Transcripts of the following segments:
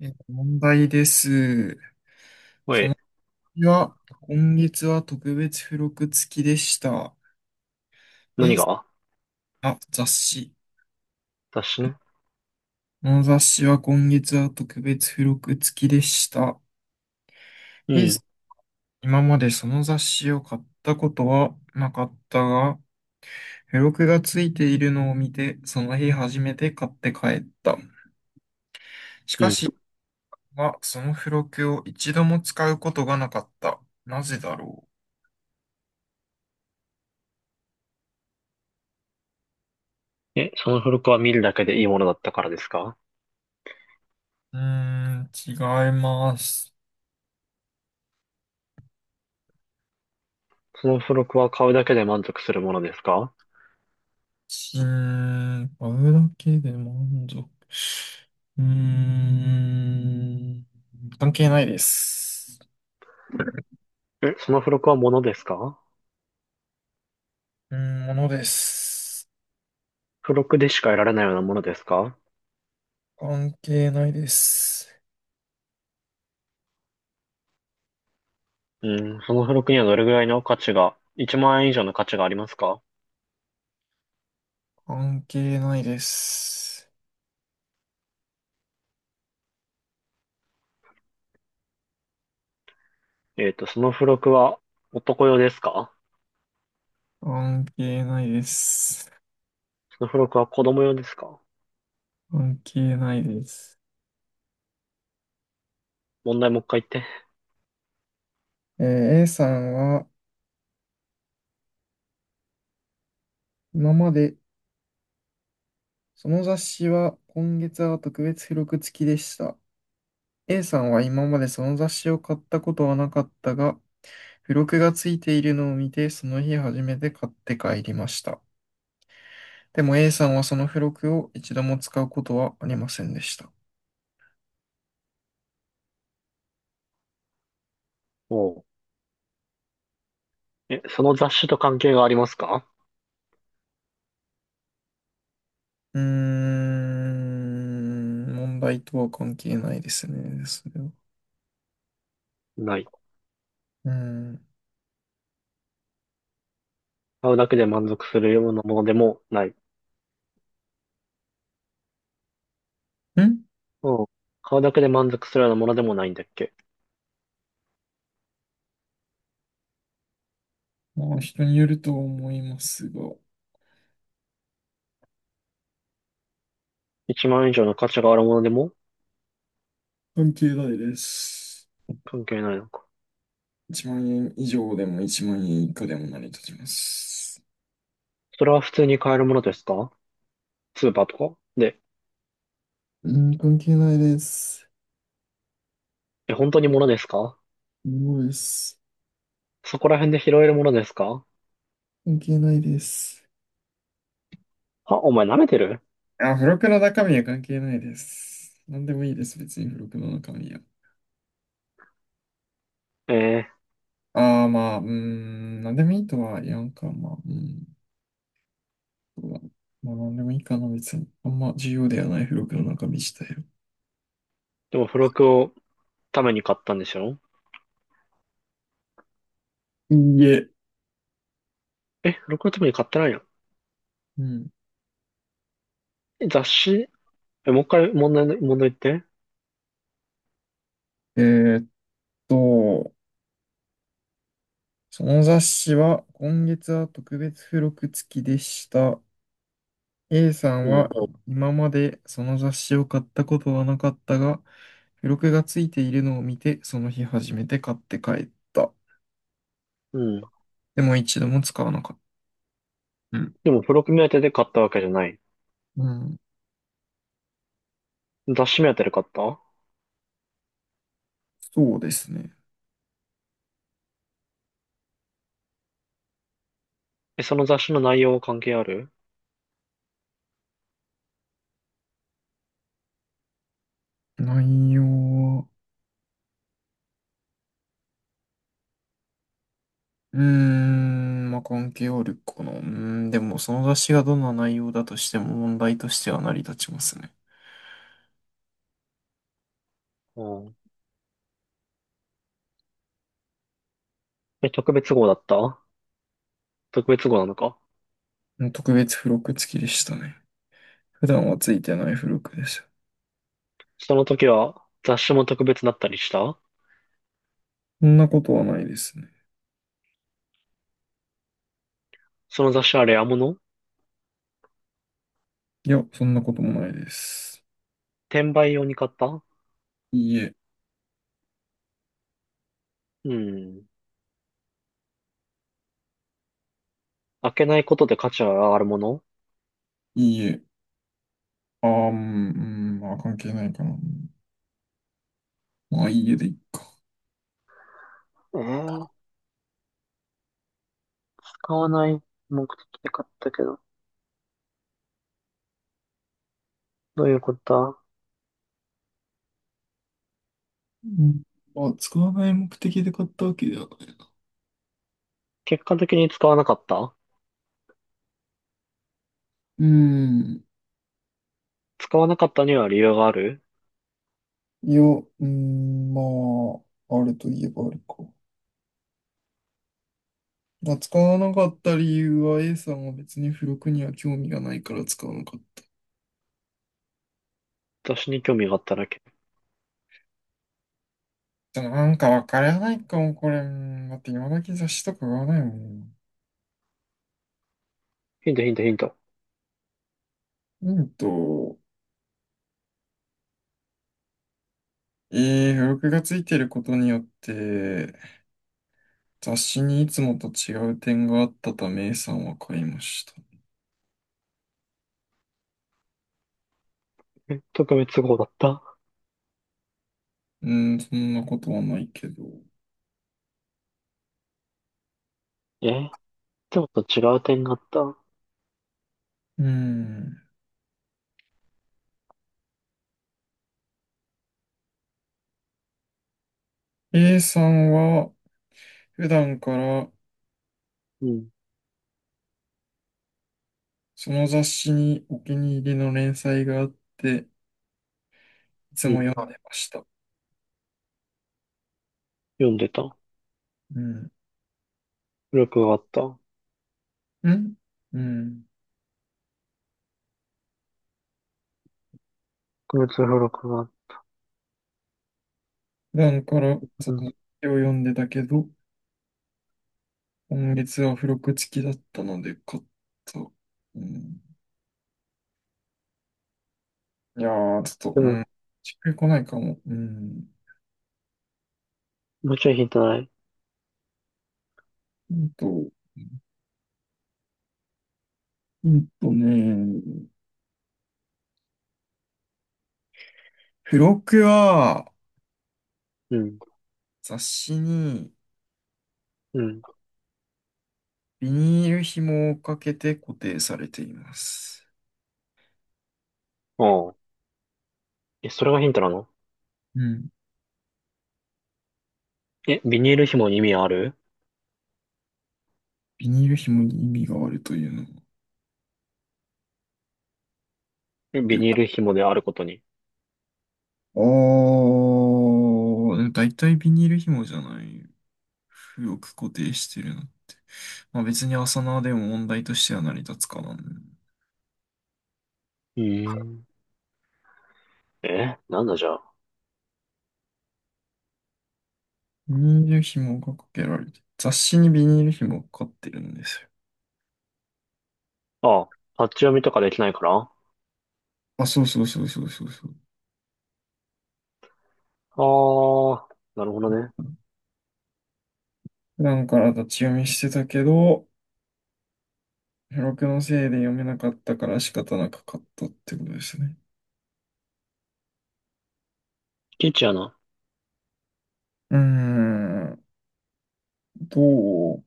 問題です。おい、いや、今月は特別付録付きでした。何が？え雑誌。私ね。この雑誌は今月は特別付録付きでした。うえん、今までその雑誌を買ったことはなかったが、付録が付いているのを見て、その日初めて買って帰った。しうかし、ん。はその付録を一度も使うことがなかった。なぜだろその付録は見るだけでいいものだったからですか？う。違います。その付録は買うだけで満足するものですか？うん、買うだけで満足。うーん、関係ないです。その付録はものですか？うーものです。付録でしか得られないようなものですか？関係ないです。うん、その付録にはどれぐらいの価値が、1万円以上の価値がありますか？関係ないです。その付録は男用ですか？関係ないです。その付録は子供用ですか？関係ないです。問題もう一回言って。えー A さんは、今まで、その雑誌は今月は特別付録付きでした。A さんは今までその雑誌を買ったことはなかったが、付録がついているのを見て、その日初めて買って帰りました。でも A さんはその付録を一度も使うことはありませんでした。おう。その雑誌と関係がありますか？問題とは関係ないですね、それは。ない。うん。買うだけで満足するようなものでもない。うん。買うだけで満足するようなものでもないんだっけ？ まあ、人によると思いますが、1 万円以上の価値があるものでも？関係ないです。関係ないのか。1万円以上でも1万円以下でも成り立ちます。それは普通に買えるものですか？スーパーとかで。うん、関係ないです。本当にものですか？すごいです。そこら辺で拾えるものですか？関係ないです。あ、お前舐めてる？あ、付録の中身は関係ないです。なんでもいいです、別に付録の中身は。えー、ああ、まあ、なんでもいいとは言わんか、まあ、うん、そうだな。まあ、なんでもいいかな、別に。あんま重要ではない付録の中身自体は。でも付録をために買ったんでしょ？いいえ。付録のために買ってないの？うん。雑誌。もう一回問題言って。えーっと、その雑誌は今月は特別付録付きでした。A さんうはん、今までその雑誌を買ったことはなかったが、付録が付いているのを見て、その日初めて買って帰った。うん。でも一度も使わなかった。うん。でも付録目当てで買ったわけじゃない。うん雑誌目当てで買った？そうですね。その雑誌の内容は関係ある？内容は、まあ、関係あるかな。でもその雑誌がどんな内容だとしても問題としては成り立ちますね。うん。特別号だった？特別号なのか？うん特別付録付きでしたね。普段はついてない付録でした。その時は雑誌も特別だったりした？そんなことはないですね。その雑誌あれ、あもの、いや、そんなこともないです。転売用に買った？いいえ、うん。開けないことで価値が上がるもの？いいえ。うん、まあ関係ないかな。まあいいえでいいか。えー、使わない目的で買ったけど。どういうことだ？うんまあ、使わない目的で買ったわけではない。結果的に使わなかった？うーん。使わなかったには理由がある？いや、まあ、あるといえばあるか。まあ、使わなかった理由は A さんは別に付録には興味がないから使わなかった。雑誌に興味があっただけ。じゃあ、なんかわからないかも、これ。うんだって今だけ雑誌とか買わないもん。ヒントヒントヒント。ヒント、え付録がついてることによって、雑誌にいつもと違う点があったため A さんは買いました。特別号だった？そんなことはないけど。えでもと違う点があった？うーん。A さんは普段からうん。その雑誌にお気に入りの連載があって、いつうもん。読んでました。読んでた。うん。付録があった。うんうん。特別付録があっ普段から、た。うん。絵を読んでたけど、今月は付録付きだったので買った。うん。いやー、ちょっでと、うん。もしっくりこないかも。うん。もうちょいヒントない？ヒンと、ヒンとね、付録はうん。雑誌にうん。ビニール紐をかけて固定されています。ああ。それがヒントなの？うん。ビニール紐に意味ある？ビニール紐に意味があるというの。ビニール紐であることに。おー、でも大体ビニール紐じゃない。よく固定してるな。まあ別に朝縄でも問題としては成り立つかな。うーん。なんだじゃあ。ビニール紐がかけられて、雑誌にビニール紐がかかってるんですよ。ああ、パッチ読みとかできないから、ああ、そうそうそうそうそうそう。あ、なるほどね。普段から立ち読みしてたけど、付録のせいで読めなかったから仕方なく買ったってことですね。キッチやな。うーん、どう、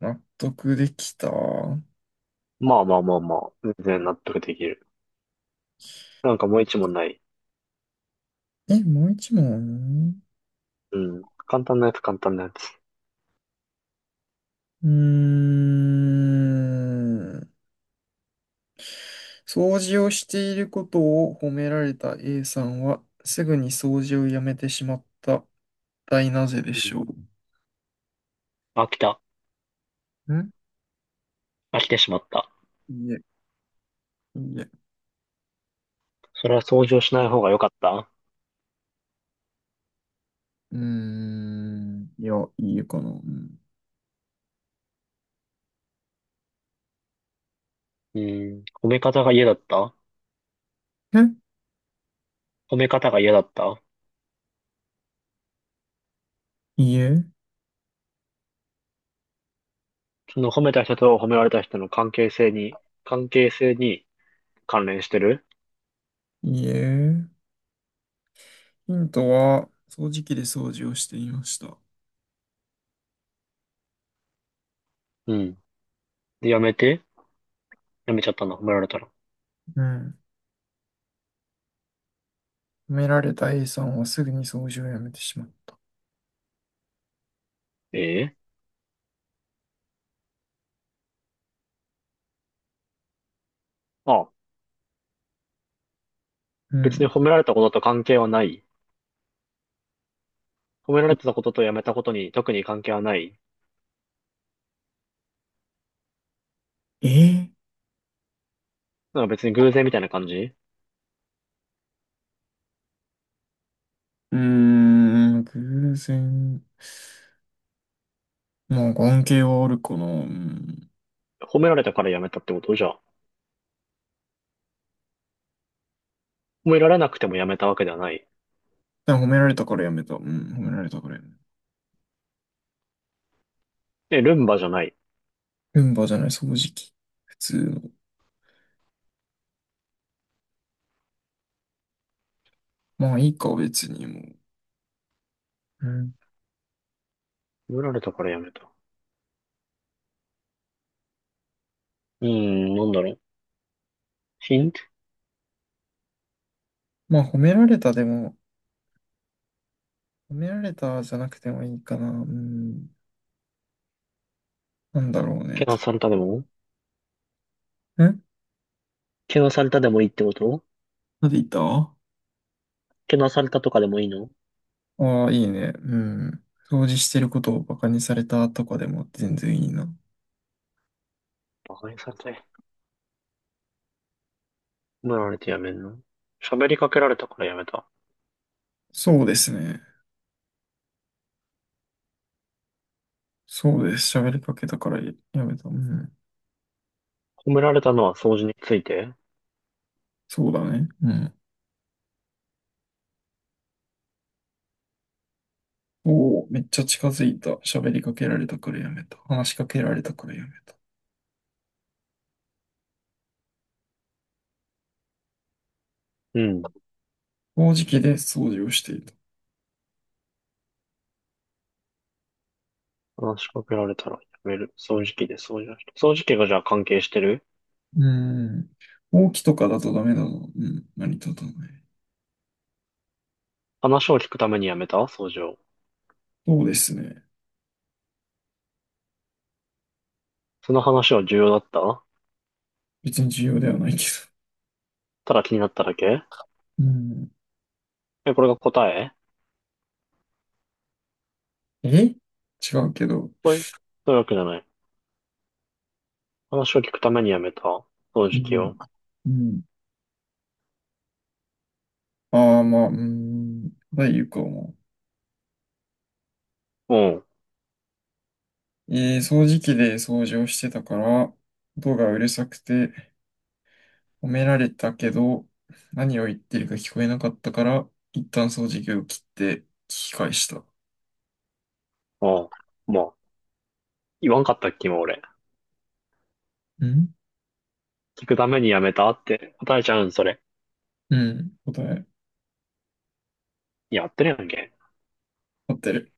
納得できた？まあまあまあまあ、全然納得できる。なんかもう一問ない？え、もう一問？うん。簡単なやつ、簡単なやつ。うーん。掃除をしていることを褒められた A さんは、すぐに掃除をやめてしまった。大なぜでうしん。ょ飽きた。う。飽きてしまった。いいえ、いいえ。それは掃除をしない方が良かった？うーん。いや、いいえかな。うん。うん。褒め方が嫌だった？え褒め方が嫌だった？いいえ、その褒めた人と褒められた人の関係性に関連してる？いいえ。ヒントは、掃除機で掃除をしていました。うん。で、やめて。やめちゃったの、褒められたら。うん。褒められた A さんはすぐに掃除をやめてしまった。ええ。ああ、う別にん。褒められたことと関係はない。褒められてたこととやめたことに特に関係はない。えーなんか別に偶然みたいな感じ？偶然。まあ、関係はあるかな。うん。褒められたからやめたってことじゃあ。褒められなくてもやめたわけではない。でも褒められたからやめた。うん、褒められたからやめた。ルンバじゃない？ルンバじゃない、掃除機。普通の。まあいいか、別にもう。うん。褒められたからやめた。うーん、なんだろう。ヒント。まあ褒められたでも、褒められたじゃなくてもいいかな。うん。なんだろうね、けと。なされたでも？んけなされたでもいいってこと？なんで言ったあ。けなされたとかでもいいの？いいね。うん。掃除してることをバカにされたとかでも全然いいな。バカにされた？褒められてやめんの？喋りかけられたからやめた。そうですね。そうです。喋りかけたからやめた。うん。褒められたのは掃除について？そうだね。うん。おお、めっちゃ近づいた。喋りかけられたからやめた。話しかけられたからやめた。うん。掃除機で掃除をしていた。話しかけられたらやめる。掃除機で掃除をした。掃除機がじゃあ関係してる？うーん。ほうきとかだとダメだぞ。うん。何とだね。話を聞くためにやめた掃除を。そうですね。その話は重要だった？別に重要ではないけただ気になっただけ？ど。うん。これが答え？え違うけど。そういう、そういうわけじゃない。話を聞くためにやめた掃う除機ん。を。うん。ああ、まあ、うーん。ただ言うかも。うん。掃除機で掃除をしてたから、音がうるさくて、褒められたけど、何を言ってるか聞こえなかったから、一旦掃除機を切って聞き返した。ああ。まあ、言わんかったっけ、今俺。ん聞くためにやめたって答えちゃうん、それ。うん。答え、やってるやんけ。合ってる。